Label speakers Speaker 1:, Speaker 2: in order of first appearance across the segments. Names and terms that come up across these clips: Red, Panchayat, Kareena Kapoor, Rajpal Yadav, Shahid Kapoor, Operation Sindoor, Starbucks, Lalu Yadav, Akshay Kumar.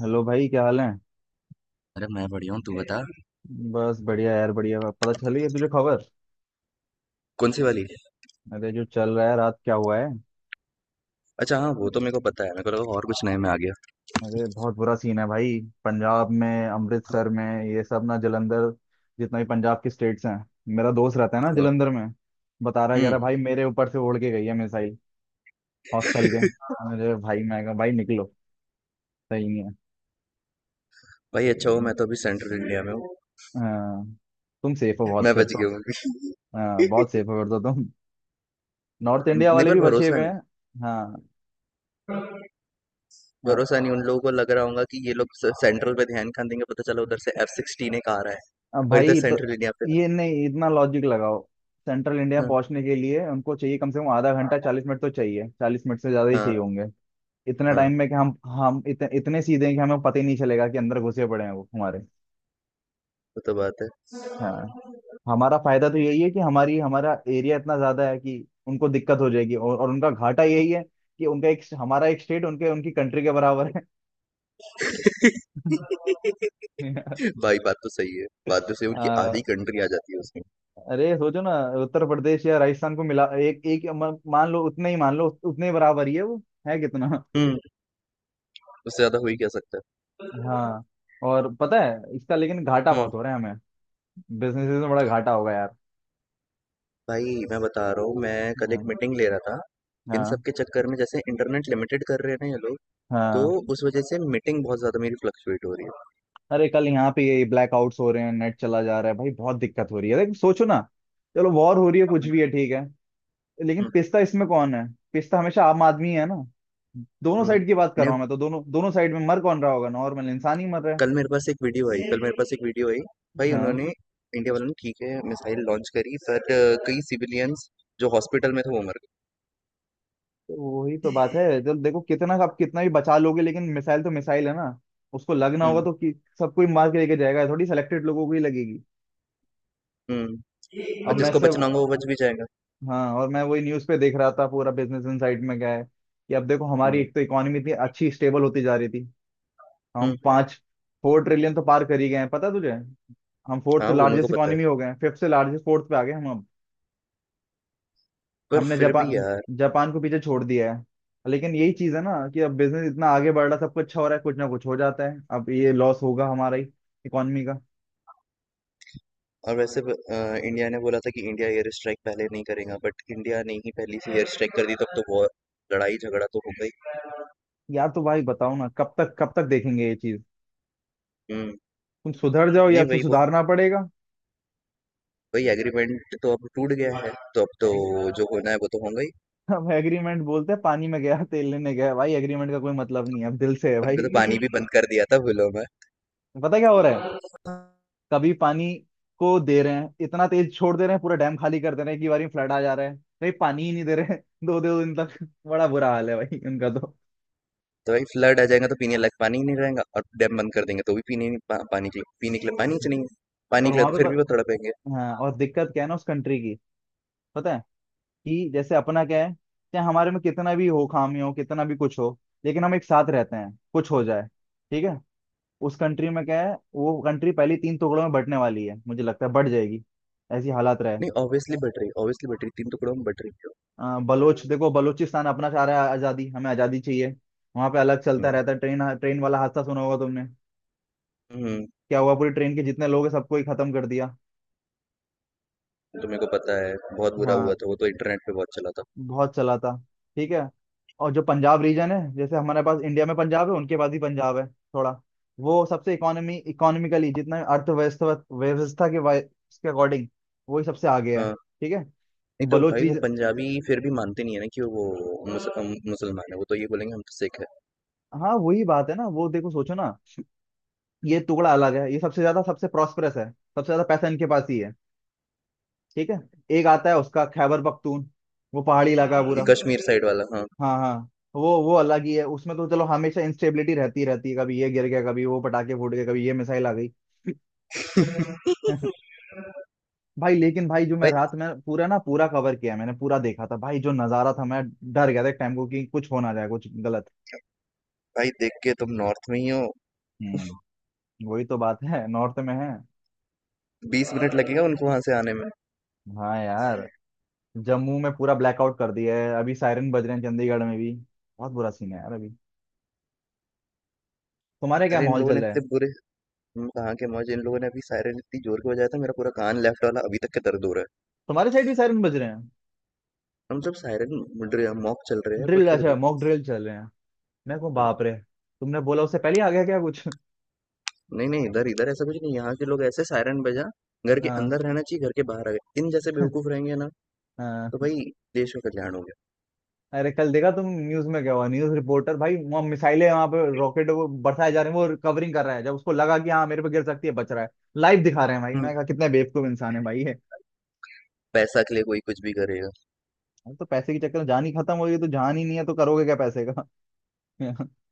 Speaker 1: Hello भाई, क्या हाल है?
Speaker 2: अरे मैं बढ़िया हूँ तू बता।
Speaker 1: बस बढ़िया यार, बढ़िया। पता चली है तुझे खबर?
Speaker 2: कौन सी वाली।
Speaker 1: अरे जो चल रहा है, रात क्या हुआ है।
Speaker 2: अच्छा हाँ वो तो मेरे को पता है मेरे को लगा और कुछ नए में आ गया।
Speaker 1: अरे बहुत बुरा सीन है भाई। पंजाब में,
Speaker 2: हाँ।
Speaker 1: अमृतसर में, ये सब ना जलंधर, जितना भी पंजाब के स्टेट्स हैं। मेरा दोस्त रहता है ना जलंधर में, बता रहा है, कह रहा
Speaker 2: हम्म।
Speaker 1: है, भाई मेरे ऊपर से उड़ के गई है मिसाइल, हॉस्टल के। अरे भाई, मैं कहा भाई निकलो, सही नहीं है।
Speaker 2: भाई अच्छा हो मैं तो अभी सेंट्रल इंडिया में हूँ।
Speaker 1: हाँ, तुम सेफ हो बहुत
Speaker 2: मैं
Speaker 1: फिर
Speaker 2: बच
Speaker 1: तो।
Speaker 2: गया हूँ।
Speaker 1: हाँ, बहुत सेफ हो फिर तो तुम। नॉर्थ इंडिया
Speaker 2: नहीं
Speaker 1: वाले
Speaker 2: पर
Speaker 1: भी बचे
Speaker 2: भरोसा
Speaker 1: हुए
Speaker 2: नहीं।
Speaker 1: हैं। हाँ।
Speaker 2: भरोसा नहीं उन लोगों को लग रहा होगा कि ये लोग सेंट्रल पे ध्यान कहाँ देंगे पता चला उधर से एफ सिक्सटीन एक आ रहा है
Speaker 1: अब
Speaker 2: और
Speaker 1: भाई
Speaker 2: इधर
Speaker 1: तो
Speaker 2: सेंट्रल इंडिया पे।
Speaker 1: ये नहीं, इतना लॉजिक लगाओ। सेंट्रल इंडिया
Speaker 2: हाँ,
Speaker 1: पहुंचने के लिए उनको चाहिए कम से कम आधा घंटा, 40 मिनट तो चाहिए, 40 मिनट से ज्यादा ही चाहिए
Speaker 2: हाँ,
Speaker 1: होंगे। इतने
Speaker 2: हाँ
Speaker 1: टाइम में कि इतने सीधे हैं कि हमें पता ही नहीं चलेगा कि अंदर घुसे पड़े हैं वो हमारे।
Speaker 2: वो तो बात है।
Speaker 1: हाँ, हमारा फायदा तो यही है कि हमारी हमारा एरिया इतना ज्यादा है कि उनको दिक्कत हो जाएगी, और उनका घाटा यही है कि उनका एक, हमारा एक स्टेट उनके, उनकी कंट्री के बराबर है।
Speaker 2: भाई बात तो सही है, उनकी
Speaker 1: आ,
Speaker 2: आधी कंट्री आ जाती है उसमें।
Speaker 1: अरे सोचो ना, उत्तर प्रदेश या राजस्थान को मिला एक एक मान लो उतने ही, मान लो उतने ही बराबर ही है वो। है कितना।
Speaker 2: हम्म उससे ज्यादा हो ही क्या सकता है।
Speaker 1: हाँ, और पता है इसका, लेकिन घाटा
Speaker 2: हम्म।
Speaker 1: बहुत हो रहा है हमें। बिजनेसेस में बड़ा घाटा होगा यार।
Speaker 2: भाई मैं बता रहा हूँ, मैं कल एक
Speaker 1: हाँ।
Speaker 2: मीटिंग ले रहा था। इन सब
Speaker 1: हाँ।
Speaker 2: के चक्कर में जैसे इंटरनेट लिमिटेड कर रहे हैं ना ये लोग। तो
Speaker 1: हाँ।
Speaker 2: उस वजह से मीटिंग बहुत ज्यादा मेरी फ्लक्चुएट हो रही है।
Speaker 1: अरे कल यहाँ पे ये ब्लैकआउट्स हो रहे हैं, नेट चला जा रहा है भाई, बहुत दिक्कत हो रही है। लेकिन सोचो ना, चलो वॉर हो रही है, कुछ भी है, ठीक है, लेकिन
Speaker 2: हम्म,
Speaker 1: पिसता इसमें कौन है? पिसता हमेशा आम आदमी है ना। दोनों
Speaker 2: हम्म।
Speaker 1: साइड की बात कर
Speaker 2: ने
Speaker 1: रहा हूँ मैं तो, दोनों दोनों साइड में मर कौन रहा होगा, नॉर्मल इंसान ही मर रहा है।
Speaker 2: कल मेरे पास एक वीडियो आई, भाई
Speaker 1: हाँ।
Speaker 2: उन्होंने इंडिया वालों ने ठीक है मिसाइल लॉन्च करी पर कई सिविलियंस जो हॉस्पिटल में थे वो मर गए।
Speaker 1: तो वही तो बात है, जब देखो कितना आप कितना भी बचा लोगे, लेकिन मिसाइल तो मिसाइल है ना, उसको लगना होगा
Speaker 2: हम्म।
Speaker 1: तो कि सब कोई मार के लेके जाएगा, थोड़ी सिलेक्टेड लोगों को ही लगेगी।
Speaker 2: हम्म।
Speaker 1: अब
Speaker 2: और
Speaker 1: मैं
Speaker 2: जिसको
Speaker 1: से।
Speaker 2: बचना होगा वो बच भी जाएगा।
Speaker 1: हाँ, और मैं वही न्यूज पे देख रहा था, पूरा बिजनेस इनसाइड में क्या है कि अब देखो, हमारी
Speaker 2: हम्म।
Speaker 1: एक तो इकोनॉमी इतनी अच्छी स्टेबल होती जा रही थी। हम
Speaker 2: हम्म।
Speaker 1: पाँच, 4 ट्रिलियन तो पार कर ही गए हैं, पता तुझे? हम फोर्थ
Speaker 2: हाँ वो मेरे को
Speaker 1: लार्जेस्ट
Speaker 2: पता है।
Speaker 1: इकोनॉमी हो गए हैं, फिफ्थ से लार्जेस्ट फोर्थ पे आ गए हम अब।
Speaker 2: पर
Speaker 1: हमने
Speaker 2: फिर भी
Speaker 1: जापान
Speaker 2: यार।
Speaker 1: जापान को पीछे छोड़ दिया है। लेकिन यही चीज है ना कि अब बिजनेस इतना आगे बढ़ रहा है, सब कुछ अच्छा हो रहा है, कुछ ना कुछ हो जाता है। अब ये लॉस होगा हमारा ही, इकोनॉमी का।
Speaker 2: और वैसे इंडिया ने बोला था कि इंडिया एयर स्ट्राइक पहले नहीं करेगा बट इंडिया ने ही पहली से एयर स्ट्राइक कर दी तब तो वॉर लड़ाई झगड़ा तो हो गई।
Speaker 1: यार तो भाई बताओ ना, कब तक, कब तक देखेंगे ये चीज?
Speaker 2: हम्म।
Speaker 1: तुम सुधर जाओ,
Speaker 2: नहीं,
Speaker 1: या तो सुधारना पड़ेगा।
Speaker 2: वही एग्रीमेंट तो अब टूट गया है तो अब तो
Speaker 1: एग-
Speaker 2: जो होना है वो तो होगा ही।
Speaker 1: अब एग्रीमेंट बोलते हैं, पानी में गया, तेल लेने गया भाई, एग्रीमेंट का कोई मतलब नहीं है, अब दिल से है
Speaker 2: उनका
Speaker 1: भाई।
Speaker 2: तो पानी भी बंद कर दिया था बिलों में।
Speaker 1: पता है क्या हो रहा है? कभी पानी को दे रहे हैं इतना तेज छोड़ दे रहे हैं, पूरा डैम खाली कर दे रहे हैं कि बारी में फ्लड आ जा रहा है। भाई पानी ही नहीं दे रहे हैं दो दो दिन तक। बड़ा बुरा हाल है भाई उनका तो।
Speaker 2: तो भाई फ्लड आ जाएगा तो पीने लायक पानी ही नहीं रहेगा और डैम बंद कर देंगे तो भी पीने नहीं- पा, पानी के लिए पीने के लिए पानी ही नहीं है। पानी
Speaker 1: और
Speaker 2: के लिए
Speaker 1: वहां
Speaker 2: तो
Speaker 1: पे
Speaker 2: फिर भी वो तड़पेंगे।
Speaker 1: हाँ, और दिक्कत क्या है ना उस कंट्री की, पता है? कि जैसे अपना क्या है, चाहे हमारे में कितना भी हो, खामी हो, कितना भी कुछ हो, लेकिन हम एक साथ रहते हैं, कुछ हो जाए, ठीक है। उस कंट्री में क्या है, वो कंट्री पहले तीन टुकड़ों में बंटने वाली है, मुझे लगता है बढ़ जाएगी, ऐसी हालात रहे।
Speaker 2: नहीं, ऑब्वियसली बट रही, तीन टुकड़ों में बट रही है।
Speaker 1: बलोच देखो, बलोचिस्तान अपना चाह रहा है आज़ादी, हमें आज़ादी चाहिए। वहां पे अलग चलता
Speaker 2: हम्म।
Speaker 1: रहता है, ट्रेन, ट्रेन वाला हादसा सुना होगा तुमने?
Speaker 2: हम्म।
Speaker 1: क्या हुआ, पूरी ट्रेन के जितने लोग हैं सबको ही खत्म कर दिया।
Speaker 2: तो मेरे को पता है बहुत बुरा हुआ
Speaker 1: हाँ,
Speaker 2: था वो तो इंटरनेट पे बहुत चला था।
Speaker 1: बहुत चला था। ठीक है। और जो पंजाब रीजन है, जैसे हमारे पास इंडिया में पंजाब है, उनके पास भी पंजाब है थोड़ा, वो सबसे, इकोनॉमी, इकोनॉमिकली जितना, अर्थव्यवस्था व्यवस्था के के अकॉर्डिंग वही सबसे आगे है।
Speaker 2: हाँ।
Speaker 1: ठीक है,
Speaker 2: नहीं तो
Speaker 1: बलोच
Speaker 2: भाई वो
Speaker 1: रीजन।
Speaker 2: पंजाबी फिर भी मानते नहीं है ना कि वो मुसलमान है वो तो ये बोलेंगे हम तो सिख है।
Speaker 1: हाँ, वही बात है ना वो। देखो, सोचो ना, ये टुकड़ा अलग है, ये सबसे ज्यादा, सबसे प्रॉस्परस है, सबसे ज्यादा पैसा इनके पास ही है। ठीक है। एक आता है उसका खैबर पख्तून, वो पहाड़ी इलाका है
Speaker 2: ये
Speaker 1: पूरा।
Speaker 2: कश्मीर साइड वाला हाँ।
Speaker 1: हाँ हाँ। वो अलग ही है उसमें, तो चलो हमेशा इंस्टेबिलिटी रहती रहती है, कभी ये गिर गया, कभी वो पटाखे फूट गए, कभी ये मिसाइल आ गई। भाई लेकिन भाई, जो मैं
Speaker 2: भाई,
Speaker 1: रात में पूरा ना, पूरा कवर किया मैंने, पूरा देखा था भाई, जो नजारा था, मैं डर गया था एक टाइम को कि कुछ हो ना जाए, कुछ गलत।
Speaker 2: भाई देख के तुम नॉर्थ में ही हो।
Speaker 1: हम्म। वही तो बात है, नॉर्थ में है।
Speaker 2: 20 मिनट लगेगा उनको वहां से आने में।
Speaker 1: हाँ यार, जम्मू में पूरा ब्लैकआउट कर दिया है, अभी सायरन बज रहे हैं चंडीगढ़ में भी। बहुत बुरा सीन है यार अभी। तुम्हारे क्या
Speaker 2: अरे इन
Speaker 1: माहौल
Speaker 2: लोगों ने
Speaker 1: चल रहा
Speaker 2: इतने
Speaker 1: है?
Speaker 2: बुरे। हम कहाँ के मौज, इन लोगों ने अभी सायरन इतनी जोर के बजाया था मेरा पूरा कान लेफ्ट वाला अभी तक के दर्द हो रहा है।
Speaker 1: तुम्हारे साइड भी सायरन बज रहे हैं?
Speaker 2: हम सब सायरन मॉक चल रहे हैं पर
Speaker 1: ड्रिल,
Speaker 2: फिर
Speaker 1: अच्छा,
Speaker 2: भी।
Speaker 1: मॉक ड्रिल चल रहे हैं। मैं कहूँ
Speaker 2: हाँ।
Speaker 1: बाप रे। तुमने बोला उससे पहले ही आ गया क्या कुछ?
Speaker 2: नहीं नहीं, इधर इधर ऐसा कुछ नहीं, यहाँ के लोग ऐसे सायरन बजा, घर के
Speaker 1: हाँ।
Speaker 2: अंदर रहना चाहिए घर के बाहर आ गए इन जैसे बेवकूफ रहेंगे ना।
Speaker 1: हाँ।
Speaker 2: तो भाई देश का कल्याण हो
Speaker 1: अरे कल देखा तुम न्यूज में क्या हुआ, न्यूज रिपोर्टर भाई, वहाँ मिसाइलें, वहां पे
Speaker 2: गया।
Speaker 1: रॉकेट वो बरसाए जा रहे हैं, वो कवरिंग कर रहा है। जब उसको लगा कि हाँ मेरे पे गिर सकती है, बच रहा है। लाइव दिखा रहे हैं भाई। मैं कहा कितने बेवकूफ इंसान है भाई ये।
Speaker 2: पैसा के लिए कोई कुछ भी करेगा।
Speaker 1: अब तो पैसे के चक्कर में जान ही खत्म हो गई, तो जान ही नहीं है तो करोगे क्या पैसे का?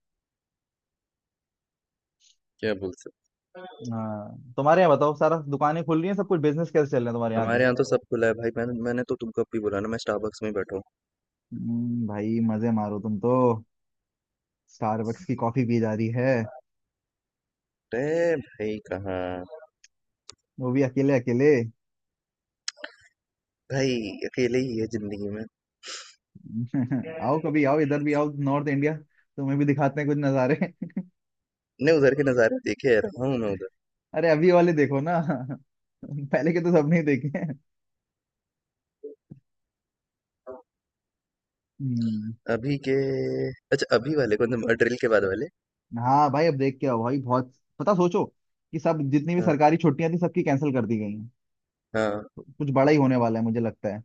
Speaker 2: क्या बोल सकते।
Speaker 1: हाँ, तुम्हारे यहाँ बताओ, सारा दुकानें खुल रही हैं, सब कुछ बिजनेस कैसे चल रहे हैं तुम्हारे यहाँ के?
Speaker 2: हमारे यहाँ तो सब खुला है भाई, मैंने मैंने तो तुमको अब भी बोला ना मैं स्टारबक्स में ही बैठा हूँ।
Speaker 1: भाई मजे मारो तुम तो, स्टारबक्स की कॉफी पी जा रही है,
Speaker 2: अरे भाई कहाँ।
Speaker 1: वो भी अकेले अकेले।
Speaker 2: भाई अकेले ही है जिंदगी में।
Speaker 1: आओ कभी, आओ इधर भी, आओ नॉर्थ इंडिया, तुम्हें भी दिखाते हैं कुछ नज़ारे।
Speaker 2: ने उधर के नज़ारे देखे है रहा हूँ मैं उधर।
Speaker 1: अरे अभी वाले देखो ना। पहले के तो सबने ही देखे हैं। हम्म।
Speaker 2: अभी के। अच्छा अभी वाले कौन से, ड्रिल के बाद वाले।
Speaker 1: हाँ भाई, अब देख के आओ भाई, बहुत। पता, सोचो कि सब जितनी भी
Speaker 2: हाँ,
Speaker 1: सरकारी छुट्टियां थी सबकी कैंसिल कर दी गई हैं,
Speaker 2: हाँ,
Speaker 1: तो कुछ बड़ा ही होने वाला है मुझे लगता है।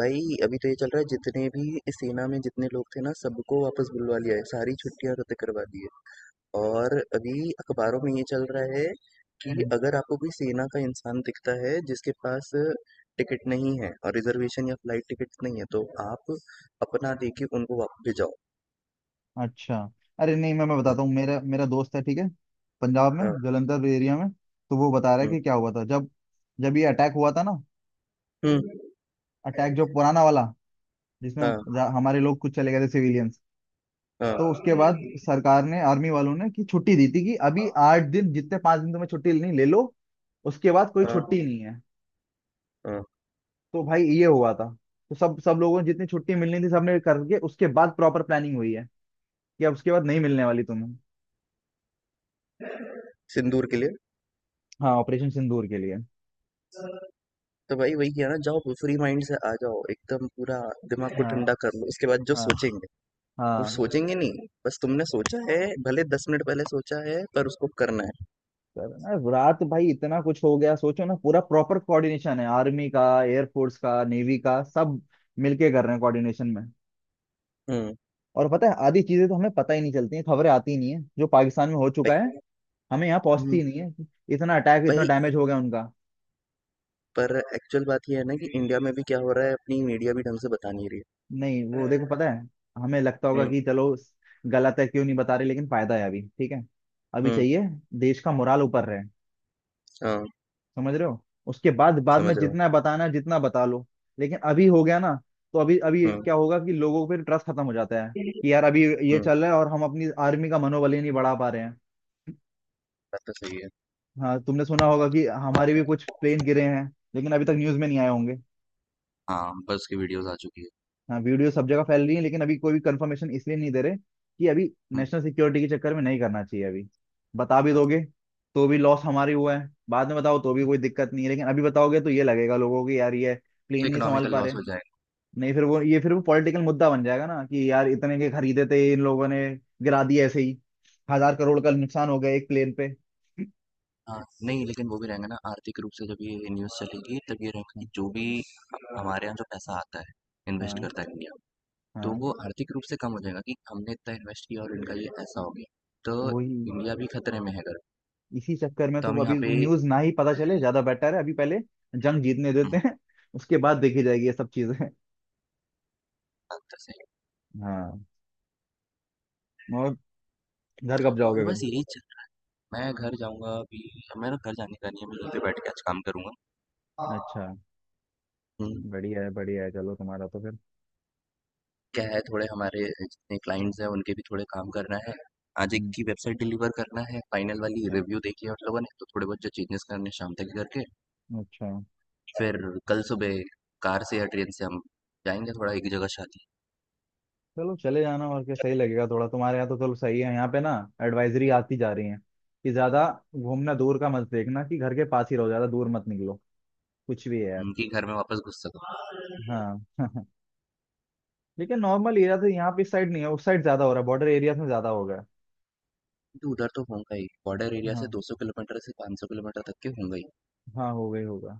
Speaker 2: भाई अभी तो ये चल रहा है जितने भी इस सेना में जितने लोग थे ना सबको वापस बुलवा लिया है सारी छुट्टियां रद्द करवा दी है। और अभी अखबारों में ये चल रहा है कि
Speaker 1: हम्म।
Speaker 2: अगर आपको कोई सेना का इंसान दिखता है जिसके पास टिकट नहीं है और रिजर्वेशन या फ्लाइट टिकट नहीं है तो आप अपना देके उनको वापस भिजाओ।
Speaker 1: अच्छा। अरे नहीं, मैं
Speaker 2: हाँ,
Speaker 1: बताता हूँ, मेरा मेरा दोस्त है, ठीक है, पंजाब में
Speaker 2: हाँ,
Speaker 1: जलंधर एरिया में, तो वो बता रहा है
Speaker 2: हम्म,
Speaker 1: कि क्या हुआ था जब, जब ये अटैक हुआ था ना,
Speaker 2: हम्म,
Speaker 1: अटैक जो पुराना वाला, जिसमें
Speaker 2: हाँ,
Speaker 1: हमारे लोग कुछ चले गए थे, सिविलियंस,
Speaker 2: हाँ,
Speaker 1: तो उसके बाद सरकार ने, आर्मी वालों ने कि छुट्टी दी थी कि अभी 8 दिन जितने, 5 दिन तुम्हें छुट्टी लेनी ले लो, उसके बाद कोई छुट्टी
Speaker 2: हाँ,
Speaker 1: नहीं है।
Speaker 2: हाँ,
Speaker 1: तो भाई ये हुआ था। तो सब सब लोगों ने जितनी छुट्टी मिलनी थी सबने करके उसके बाद प्रॉपर प्लानिंग हुई है कि अब उसके बाद नहीं मिलने वाली तुम्हें।
Speaker 2: सिंदूर के लिए।
Speaker 1: हाँ, ऑपरेशन सिंदूर के लिए।
Speaker 2: तो भाई वही किया ना, जाओ फ्री माइंड से आ जाओ एकदम पूरा दिमाग को
Speaker 1: हाँ।
Speaker 2: ठंडा कर लो उसके बाद जो
Speaker 1: हाँ।
Speaker 2: सोचेंगे वो
Speaker 1: हाँ।
Speaker 2: सोचेंगे, नहीं बस तुमने सोचा है भले 10 मिनट पहले सोचा है पर उसको करना है।
Speaker 1: सर अरे रात भाई इतना कुछ हो गया, सोचो ना, पूरा प्रॉपर कोऑर्डिनेशन है, आर्मी का, एयरफोर्स का, नेवी का, सब मिलके कर रहे हैं कोऑर्डिनेशन में।
Speaker 2: हम्म।
Speaker 1: और पता है आधी चीजें तो हमें पता ही नहीं चलती हैं, खबरें आती ही नहीं है, जो पाकिस्तान में हो चुका है,
Speaker 2: भाई।
Speaker 1: हमें यहाँ पहुंचती
Speaker 2: हम्म,
Speaker 1: ही नहीं है। इतना अटैक, इतना
Speaker 2: भाई
Speaker 1: डैमेज हो गया उनका।
Speaker 2: पर एक्चुअल बात ये है ना कि इंडिया में भी क्या हो रहा है अपनी मीडिया भी ढंग से बता नहीं रही
Speaker 1: नहीं
Speaker 2: है।
Speaker 1: वो देखो, पता है, हमें लगता
Speaker 2: हुँ,
Speaker 1: होगा कि चलो गलत है, क्यों नहीं बता रहे, लेकिन फायदा है अभी, ठीक है। अभी
Speaker 2: हुँ,
Speaker 1: चाहिए, देश का मोराल ऊपर रहे,
Speaker 2: हाँ,
Speaker 1: समझ रहे हो? उसके बाद, बाद
Speaker 2: समझ
Speaker 1: में
Speaker 2: रहा हूँ।
Speaker 1: जितना बताना है जितना बता लो, लेकिन अभी हो गया ना, तो अभी अभी
Speaker 2: हुँ,
Speaker 1: क्या होगा कि लोगों पर ट्रस्ट खत्म हो जाता है कि यार अभी ये
Speaker 2: हुँ,
Speaker 1: चल रहा है और हम अपनी आर्मी का मनोबल ही नहीं बढ़ा पा रहे हैं।
Speaker 2: बात तो सही है।
Speaker 1: हाँ, तुमने सुना होगा कि हमारे भी कुछ प्लेन गिरे हैं, लेकिन अभी तक न्यूज में नहीं आए होंगे।
Speaker 2: हाँ, बस की वीडियोज़ आ चुकी है।
Speaker 1: हाँ, वीडियो सब जगह फैल रही है, लेकिन अभी कोई भी कंफर्मेशन इसलिए नहीं दे रहे कि अभी
Speaker 2: हुँ,
Speaker 1: नेशनल सिक्योरिटी के चक्कर में नहीं करना चाहिए अभी। बता भी
Speaker 2: हाँ,
Speaker 1: दोगे तो भी लॉस हमारी हुआ है, बाद में बताओ तो भी कोई दिक्कत नहीं है, लेकिन अभी बताओगे तो ये लगेगा लोगों को कि यार ये
Speaker 2: तो
Speaker 1: क्लीन नहीं संभाल
Speaker 2: इकोनॉमिकल
Speaker 1: पा रहे।
Speaker 2: लॉस हो जाएगा।
Speaker 1: नहीं, फिर वो, ये फिर वो पॉलिटिकल मुद्दा बन जाएगा ना कि यार इतने के खरीदे थे इन लोगों ने, गिरा दिए ऐसे ही, 1,000 करोड़ का नुकसान हो गया एक प्लेन पे। हाँ।
Speaker 2: हाँ, नहीं लेकिन वो भी रहेंगा ना आर्थिक रूप से, जब ये न्यूज़ चलेगी तब ये रहेगा कि जो भी हमारे यहाँ जो पैसा आता है, इन्वेस्ट
Speaker 1: हाँ।
Speaker 2: करता है इंडिया, तो
Speaker 1: हाँ।
Speaker 2: वो आर्थिक रूप से कम हो जाएगा कि हमने इतना इन्वेस्ट किया और इनका ये ऐसा हो गया। तो
Speaker 1: वही।
Speaker 2: इंडिया भी खतरे में है अगर,
Speaker 1: इसी चक्कर में
Speaker 2: तो
Speaker 1: तो
Speaker 2: हम
Speaker 1: वो
Speaker 2: यहाँ
Speaker 1: अभी,
Speaker 2: पे।
Speaker 1: न्यूज ना ही पता चले ज्यादा बेटर है, अभी पहले जंग जीतने
Speaker 2: हुँ,
Speaker 1: देते हैं, उसके बाद देखी जाएगी ये सब चीजें।
Speaker 2: बात तो सही
Speaker 1: हाँ। और घर कब
Speaker 2: है और
Speaker 1: जाओगे
Speaker 2: बस
Speaker 1: फिर?
Speaker 2: यही। मैं घर जाऊँगा अभी। मेरा घर जाने का नहीं है, मैं यहीं पे बैठ के आज काम करूँगा।
Speaker 1: अच्छा।
Speaker 2: हुँ,
Speaker 1: बढ़िया है, बढ़िया है, चलो तुम्हारा तो फिर।
Speaker 2: क्या है, थोड़े हमारे जितने क्लाइंट्स हैं उनके भी थोड़े काम करना है। आज एक
Speaker 1: हम्म।
Speaker 2: की वेबसाइट डिलीवर करना है, फाइनल वाली
Speaker 1: अच्छा।
Speaker 2: रिव्यू देखी है उन लोगों ने तो थोड़े बहुत जो चेंजेस करने हैं शाम तक करके
Speaker 1: अच्छा।
Speaker 2: फिर कल सुबह कार से या ट्रेन से हम जाएँगे थोड़ा एक जगह शादी।
Speaker 1: चलो चले जाना, और क्या सही लगेगा थोड़ा, तुम्हारे यहाँ तो चलो सही है, यहाँ पे ना एडवाइजरी आती जा रही है कि ज्यादा घूमना, दूर का मत देखना, कि घर के पास ही रहो, ज्यादा दूर मत निकलो, कुछ भी है यार।
Speaker 2: उनके घर में वापस घुस सको।
Speaker 1: हाँ। लेकिन नॉर्मल एरिया तो यहाँ पे इस साइड नहीं है, उस साइड ज्यादा हो रहा है, बॉर्डर एरियाज में ज्यादा हो गया
Speaker 2: तो उधर तो होगा ही, बॉर्डर
Speaker 1: है।
Speaker 2: एरिया से
Speaker 1: हाँ।
Speaker 2: 200 किलोमीटर से 500 किलोमीटर तक के होंगे ही,
Speaker 1: हाँ, हो गई होगा।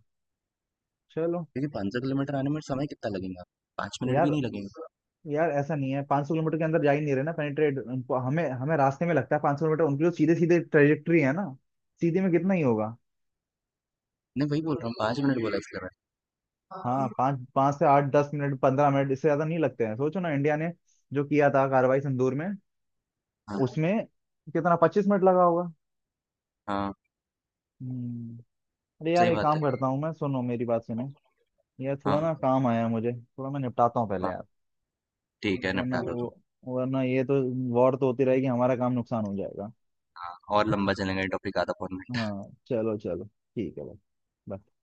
Speaker 1: चलो।
Speaker 2: क्योंकि 500 किलोमीटर आने में समय कितना लगेगा? 5 मिनट
Speaker 1: यार,
Speaker 2: भी नहीं लगेंगे।
Speaker 1: यार ऐसा नहीं है, 500 किलोमीटर के अंदर जा ही नहीं रहे ना पेनिट्रेट, हमें हमें रास्ते में लगता है 500 किलोमीटर, उनकी जो सीधे सीधे ट्रेजेक्ट्री है ना, सीधे में कितना ही होगा।
Speaker 2: नहीं वही बोल रहा हूँ, 5 मिनट बोला इसलिए मैंने।
Speaker 1: हाँ, पाँच, पाँच से आठ, 10 मिनट, 15 मिनट, इससे ज्यादा नहीं लगते हैं। सोचो ना, इंडिया ने जो किया था कार्रवाई संदूर में,
Speaker 2: हाँ,
Speaker 1: उसमें कितना, 25 मिनट लगा होगा।
Speaker 2: हाँ,
Speaker 1: हम्म। अरे यार
Speaker 2: सही
Speaker 1: एक
Speaker 2: बात
Speaker 1: काम
Speaker 2: है।
Speaker 1: करता हूँ, मैं, सुनो मेरी बात सुनो यार, थोड़ा
Speaker 2: हाँ,
Speaker 1: ना काम आया है मुझे, थोड़ा मैं निपटाता हूँ पहले
Speaker 2: हाँ,
Speaker 1: यार,
Speaker 2: ठीक है
Speaker 1: वरना
Speaker 2: निपटा लो
Speaker 1: वो
Speaker 2: तुम।
Speaker 1: वरना ये तो, वॉर तो होती रहेगी, हमारा काम नुकसान हो जाएगा।
Speaker 2: हाँ और लंबा चलेंगे टॉपिक आधा फोन में।
Speaker 1: हाँ चलो चलो, ठीक है भाई, bye।